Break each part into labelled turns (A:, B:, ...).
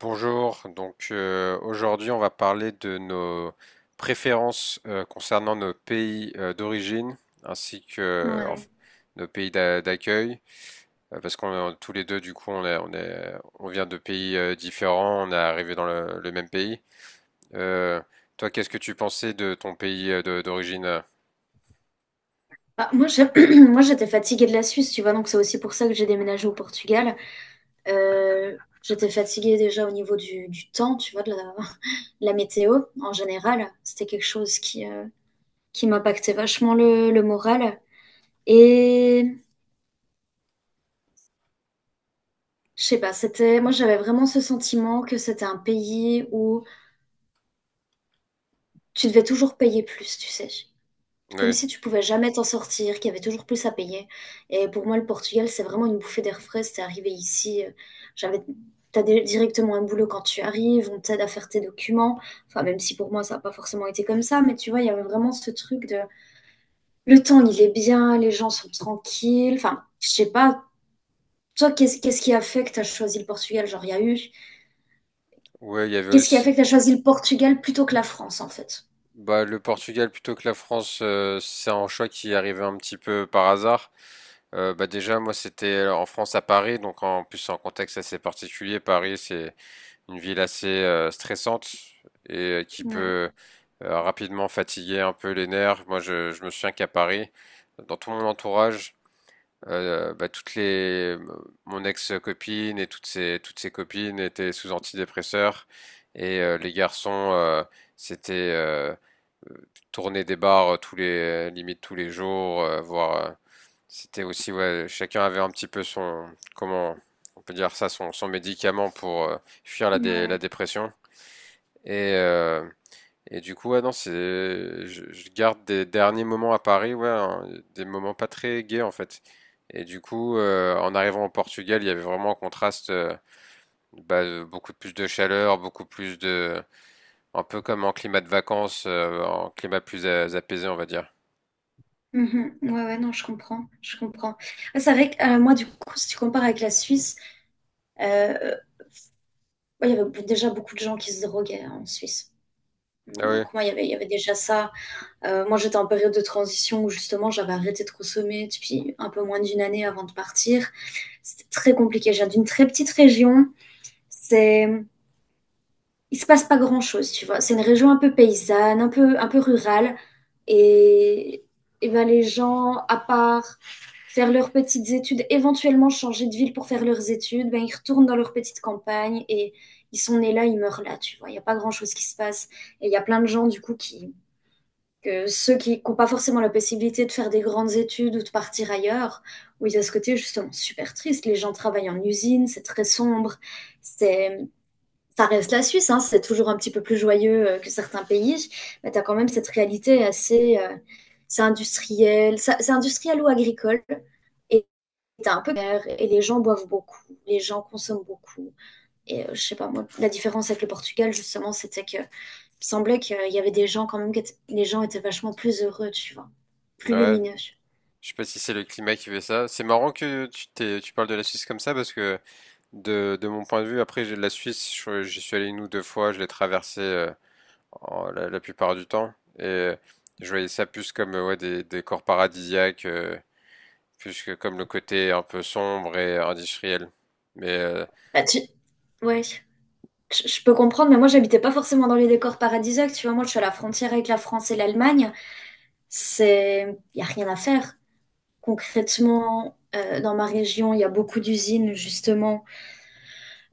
A: Bonjour, aujourd'hui on va parler de nos préférences concernant nos pays d'origine ainsi que euh,
B: Ouais.
A: enf- nos pays d'accueil. Parce qu'on est tous les deux, on vient de pays différents, on est arrivé dans le même pays. Euh, Toi, qu'est-ce que tu pensais de ton pays d'origine?
B: Bah, moi, moi, j'étais fatiguée de la Suisse, tu vois, donc c'est aussi pour ça que j'ai déménagé au Portugal. Euh, J'étais fatiguée déjà au niveau du temps, tu vois, de la, la météo en général. C'était quelque chose qui m'impactait vachement le moral. Et je sais pas, moi, j'avais vraiment ce sentiment que c'était un pays où tu devais toujours payer plus, tu sais. Comme
A: Oui,
B: si tu pouvais jamais t'en sortir, qu'il y avait toujours plus à payer. Et pour moi, le Portugal, c'est vraiment une bouffée d'air frais. C'est arrivé ici, j'avais, directement un boulot quand tu arrives, on t'aide à faire tes documents. Enfin, même si pour moi, ça n'a pas forcément été comme ça, mais tu vois, il y avait vraiment ce truc de le temps, il est bien, les gens sont tranquilles. Enfin, je sais pas. Toi, qu'est-ce qui a fait que tu as choisi le Portugal? Genre, il y a eu.
A: ouais, il y avait
B: Qu'est-ce qui a
A: aussi.
B: fait que tu as choisi le Portugal plutôt que la France, en fait?
A: Bah, le Portugal plutôt que la France, c'est un choix qui est arrivé un petit peu par hasard. Bah déjà, moi, c'était en France à Paris, donc en plus, c'est un contexte assez particulier. Paris, c'est une ville assez stressante et qui
B: Ouais,
A: peut rapidement fatiguer un peu les nerfs. Moi, je me souviens qu'à Paris, dans tout mon entourage, bah, toutes les, mon ex-copine et toutes ses copines étaient sous antidépresseurs, et les garçons c'était euh, tourner des bars tous les, limite tous les jours, voire c'était aussi, ouais, chacun avait un petit peu son, comment on peut dire ça, son médicament pour fuir la
B: ouais.
A: dépression. Et euh, et du coup, ouais, non, c'est, je garde des derniers moments à Paris, ouais, hein, des moments pas très gais en fait. Et du coup, en arrivant au Portugal, il y avait vraiment un contraste, beaucoup plus de chaleur, beaucoup plus de, un peu comme en climat de vacances, en climat plus apaisé, on va dire.
B: Mhm. Ouais, ouais, non, je comprends, je comprends. Ah, c'est vrai que moi, du coup, si tu compares avec la Suisse, euh, ouais, il y avait déjà beaucoup de gens qui se droguaient hein, en Suisse.
A: Ah
B: Mm,
A: oui,
B: donc moi, il y avait déjà ça. Moi, j'étais en période de transition où justement, j'avais arrêté de consommer depuis un peu moins d'une année avant de partir. C'était très compliqué. Je viens d'une très petite région. Il se passe pas grand-chose, tu vois. C'est une région un peu paysanne, un peu rurale. Et, et ben les gens, à part faire leurs petites études, éventuellement changer de ville pour faire leurs études, ben ils retournent dans leur petite campagne et ils sont nés là, ils meurent là, tu vois. Il n'y a pas grand-chose qui se passe. Et il y a plein de gens, du coup, que ceux qui n'ont pas forcément la possibilité de faire des grandes études ou de partir ailleurs, où il y a ce côté justement super triste. Les gens travaillent en usine, c'est très sombre, c'est ça reste la Suisse, hein, c'est toujours un petit peu plus joyeux que certains pays, mais tu as quand même cette réalité assez. C'est industriel, c'est industriel ou agricole, et t'as un peu d'air, et les gens boivent beaucoup, les gens consomment beaucoup. Et je sais pas, moi, la différence avec le Portugal, justement, c'était que il me semblait qu'il y avait des gens quand même, que les gens étaient vachement plus heureux, tu vois, plus
A: ouais.
B: lumineux.
A: Je sais pas si c'est le climat qui fait ça. C'est marrant que tu t'es, tu parles de la Suisse comme ça, parce que de mon point de vue, après, j'ai de la Suisse, j'y suis allé une ou deux fois, je l'ai traversé la, la plupart du temps. Et je voyais ça plus comme ouais, des décors paradisiaques, plus que comme le côté un peu sombre et industriel. Mais,
B: Bah, tu... Ouais. Je peux comprendre, mais moi j'habitais pas forcément dans les décors paradisiaques, tu vois. Moi je suis à la frontière avec la France et l'Allemagne. C'est, il n'y a rien à faire. Concrètement, dans ma région, il y a beaucoup d'usines, justement,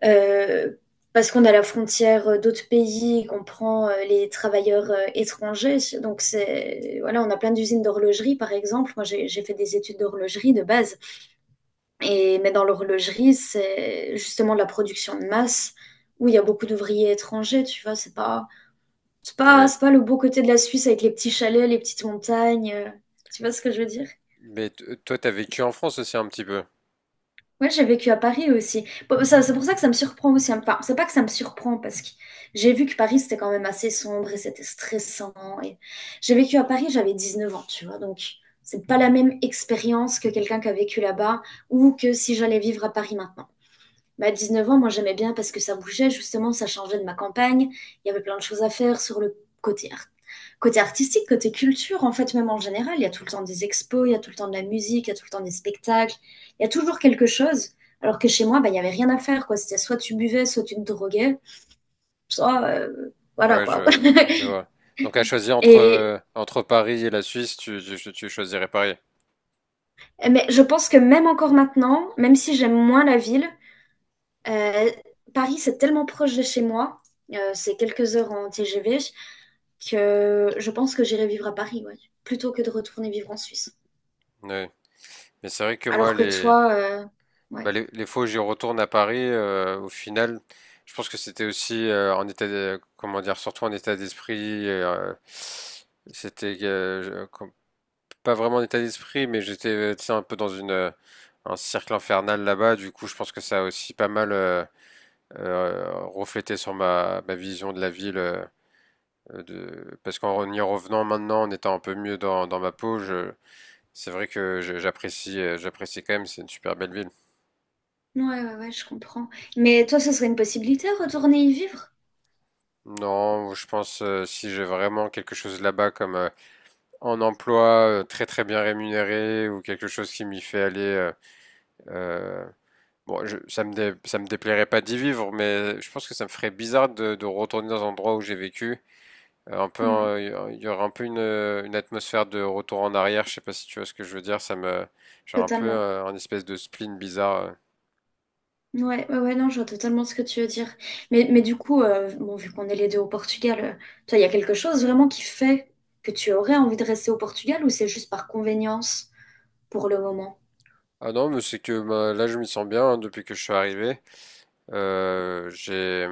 B: euh, parce qu'on a la frontière d'autres pays, qu'on prend les travailleurs étrangers. Donc, c'est, voilà, on a plein d'usines d'horlogerie, par exemple. Moi, j'ai fait des études d'horlogerie de base. Et, mais dans l'horlogerie, c'est justement de la production de masse où il y a beaucoup d'ouvriers étrangers, tu vois.
A: ouais.
B: C'est pas le beau côté de la Suisse avec les petits chalets, les petites montagnes. Tu vois ce que je veux dire?
A: Mais toi, t'as vécu en France aussi un petit peu.
B: Ouais, j'ai vécu à Paris aussi. Bon, c'est pour ça que ça me surprend aussi. Hein. Enfin, c'est pas que ça me surprend parce que j'ai vu que Paris c'était quand même assez sombre et c'était stressant. Et j'ai vécu à Paris, j'avais 19 ans, tu vois. Donc, c'est pas la même expérience que quelqu'un qui a vécu là-bas ou que si j'allais vivre à Paris maintenant. Bah, 19 ans, moi j'aimais bien parce que ça bougeait, justement, ça changeait de ma campagne. Il y avait plein de choses à faire sur le côté, côté artistique, côté culture, en fait, même en général. Il y a tout le temps des expos, il y a tout le temps de la musique, il y a tout le temps des spectacles. Il y a toujours quelque chose. Alors que chez moi, bah, il n'y avait rien à faire, quoi. C'était soit tu buvais, soit tu te droguais, soit. Voilà,
A: Ouais,
B: quoi.
A: je vois. Donc à choisir entre,
B: Et,
A: entre Paris et la Suisse, tu choisirais Paris.
B: mais je pense que même encore maintenant, même si j'aime moins la ville, euh, Paris, c'est tellement proche de chez moi. C'est quelques heures en TGV que je pense que j'irai vivre à Paris, ouais, plutôt que de retourner vivre en Suisse.
A: Ouais. Mais c'est vrai que moi,
B: Alors que
A: les,
B: toi,
A: bah,
B: ouais,
A: les fois où j'y retourne à Paris, au final, je pense que c'était aussi en état, comment dire, surtout en état d'esprit. C'était euh, je- com- Pas vraiment en état d'esprit, mais j'étais tu sais, un peu dans une un cercle infernal là-bas. Du coup, je pense que ça a aussi pas mal reflété sur ma vision de la ville. De... Parce qu'en y revenant maintenant, en étant un peu mieux dans ma peau, je... c'est vrai que j'apprécie j'apprécie quand même. C'est une super belle ville.
B: ouais, ouais, ouais, je comprends. Mais toi, ce serait une possibilité, retourner y vivre?
A: Non, je pense, si j'ai vraiment quelque chose là-bas comme en emploi très très bien rémunéré, ou quelque chose qui m'y fait aller, euh, bon, ça me déplairait pas d'y vivre, mais je pense que ça me ferait bizarre de retourner dans un endroit où j'ai vécu. Euh, un peu,
B: Ouais,
A: euh, il y aura un peu une atmosphère de retour en arrière. Je sais pas si tu vois ce que je veux dire. Ça me, genre un peu
B: totalement.
A: un espèce de spleen bizarre.
B: Ouais, ouais, ouais, non, je vois totalement ce que tu veux dire. Mais du coup, bon, vu qu'on est les deux au Portugal, toi, il y a quelque chose vraiment qui fait que tu aurais envie de rester au Portugal ou c'est juste par convenience pour le moment?
A: Ah non, mais c'est que bah, là je m'y sens bien, hein, depuis que je suis arrivé. J'ai,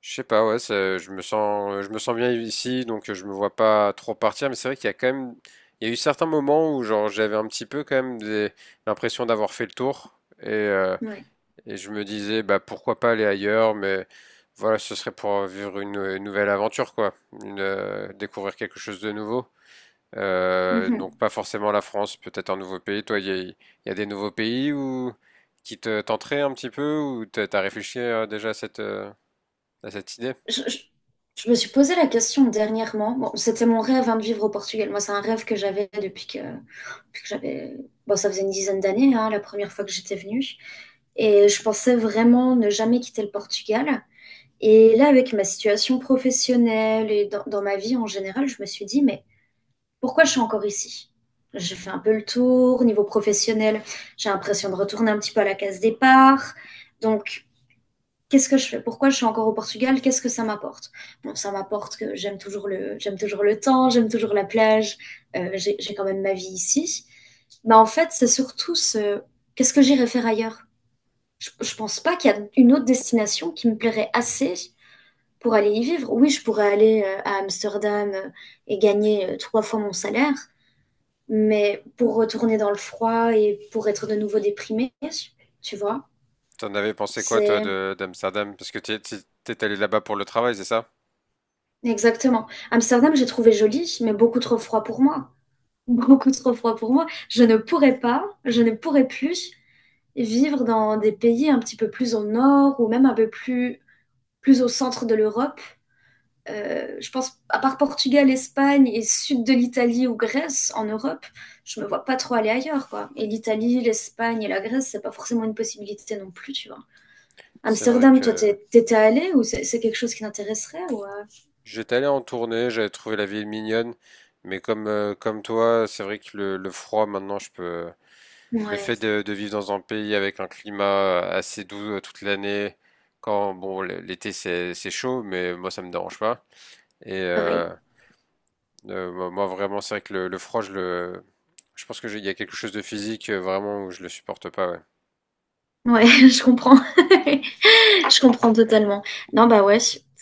A: je sais pas, ouais, ça- je me sens bien ici, donc je me vois pas trop partir. Mais c'est vrai qu'il y a quand même, il y a eu certains moments où genre j'avais un petit peu quand même des- l'impression d'avoir fait le tour, et, euh,
B: Ouais.
A: et je me disais bah pourquoi pas aller ailleurs, mais voilà, ce serait pour vivre une nouvelle aventure quoi, découvrir quelque chose de nouveau. Donc
B: Mhm.
A: pas forcément la France, peut-être un nouveau pays. Toi, il y a des nouveaux pays où, qui te tenteraient un petit peu, ou t'as réfléchi déjà à à cette idée?
B: Je, je- je me suis posé la question dernièrement. Bon, c'était mon rêve hein, de vivre au Portugal. Moi, c'est un rêve que j'avais depuis que j'avais. Bon, ça faisait une dizaine d'années, hein, la première fois que j'étais venue. Et je pensais vraiment ne jamais quitter le Portugal. Et là, avec ma situation professionnelle et dans ma vie en général, je me suis dit, mais pourquoi je suis encore ici? J'ai fait un peu le tour. Niveau professionnel, j'ai l'impression de retourner un petit peu à la case départ. Donc, qu'est-ce que je fais? Pourquoi je suis encore au Portugal? Qu'est-ce que ça m'apporte? Bon, ça m'apporte que j'aime toujours le temps, j'aime toujours la plage, j'ai quand même ma vie ici. Mais en fait, c'est surtout qu'est-ce que j'irai faire ailleurs? Je ne pense pas qu'il y a une autre destination qui me plairait assez pour aller y vivre. Oui, je pourrais aller à Amsterdam et gagner 3 fois mon salaire, mais pour retourner dans le froid et pour être de nouveau déprimée, tu vois,
A: T'en avais pensé quoi, toi,
B: c'est
A: de d'Amsterdam? Parce que t'es allé là-bas pour le travail, c'est ça?
B: exactement. Amsterdam, j'ai trouvé joli, mais beaucoup trop froid pour moi. Beaucoup trop froid pour moi. Je ne pourrais pas, je ne pourrais plus vivre dans des pays un petit peu plus au nord ou même un peu plus, plus au centre de l'Europe. Je pense, à part Portugal, Espagne et sud de l'Italie ou Grèce en Europe, je me vois pas trop aller ailleurs, quoi. Et l'Italie, l'Espagne et la Grèce, c'est pas forcément une possibilité non plus, tu vois.
A: C'est vrai
B: Amsterdam, toi,
A: que
B: t'étais allée ou c'est quelque chose qui t'intéresserait ou
A: j'étais allé en tournée, j'avais trouvé la ville mignonne, mais comme, comme toi, c'est vrai que le froid, maintenant, je peux. Le
B: ouais,
A: fait de vivre dans un pays avec un climat assez doux toute l'année, quand, bon, l'été, c'est chaud, mais moi, ça me dérange pas. Et euh,
B: pareil.
A: Moi, moi, vraiment, c'est vrai que le froid, je pense que il y a quelque chose de physique vraiment où je le supporte pas. Ouais.
B: Ouais, je comprends. Je comprends totalement. Non, bah ouais.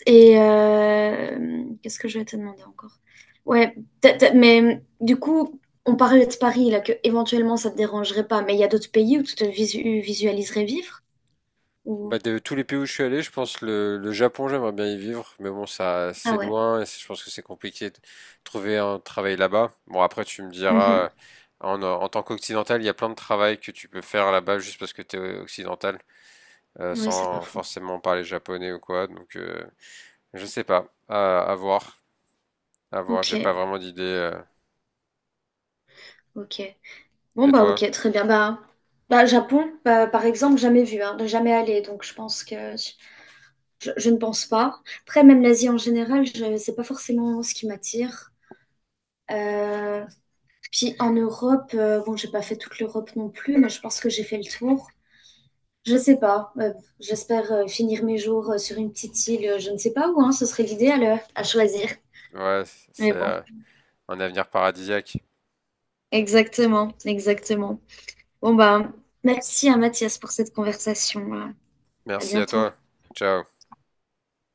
B: Et qu'est-ce que je vais te demander encore? Ouais, mais du coup, on parlait de Paris, là, que éventuellement ça te dérangerait pas, mais il y a d'autres pays où tu te visualiserais vivre?
A: Bah,
B: Ou...
A: de tous les pays où je suis allé, je pense le Japon, j'aimerais bien y vivre, mais bon, ça,
B: Ah
A: c'est
B: ouais.
A: loin, et je pense que c'est compliqué de trouver un travail là-bas. Bon, après, tu me diras,
B: Mhm.
A: en tant qu'occidental, il y a plein de travail que tu peux faire là-bas juste parce que tu es occidental,
B: Oui, c'est pas
A: sans
B: faux.
A: forcément parler japonais ou quoi. Donc, je sais pas, à voir, à voir.
B: Ok,
A: J'ai pas vraiment d'idée.
B: ok. Bon,
A: Et
B: bah
A: toi?
B: ok, très bien. Bah, bah Japon, bah, par exemple, jamais vu, hein, jamais allé, donc je pense que je ne pense pas. Après, même l'Asie en général, c'est pas forcément ce qui m'attire. Euh, Puis en Europe, bon, j'ai pas fait toute l'Europe non plus, mais je pense que j'ai fait le tour. Je sais pas. J'espère finir mes jours sur une petite île, je ne sais pas où, hein, ce serait l'idéal à choisir.
A: Ouais, c'est.
B: Mais bon,
A: Un avenir paradisiaque.
B: exactement, exactement. Bon bah, merci à Mathias pour cette conversation. À
A: Merci à
B: bientôt.
A: toi. Ciao.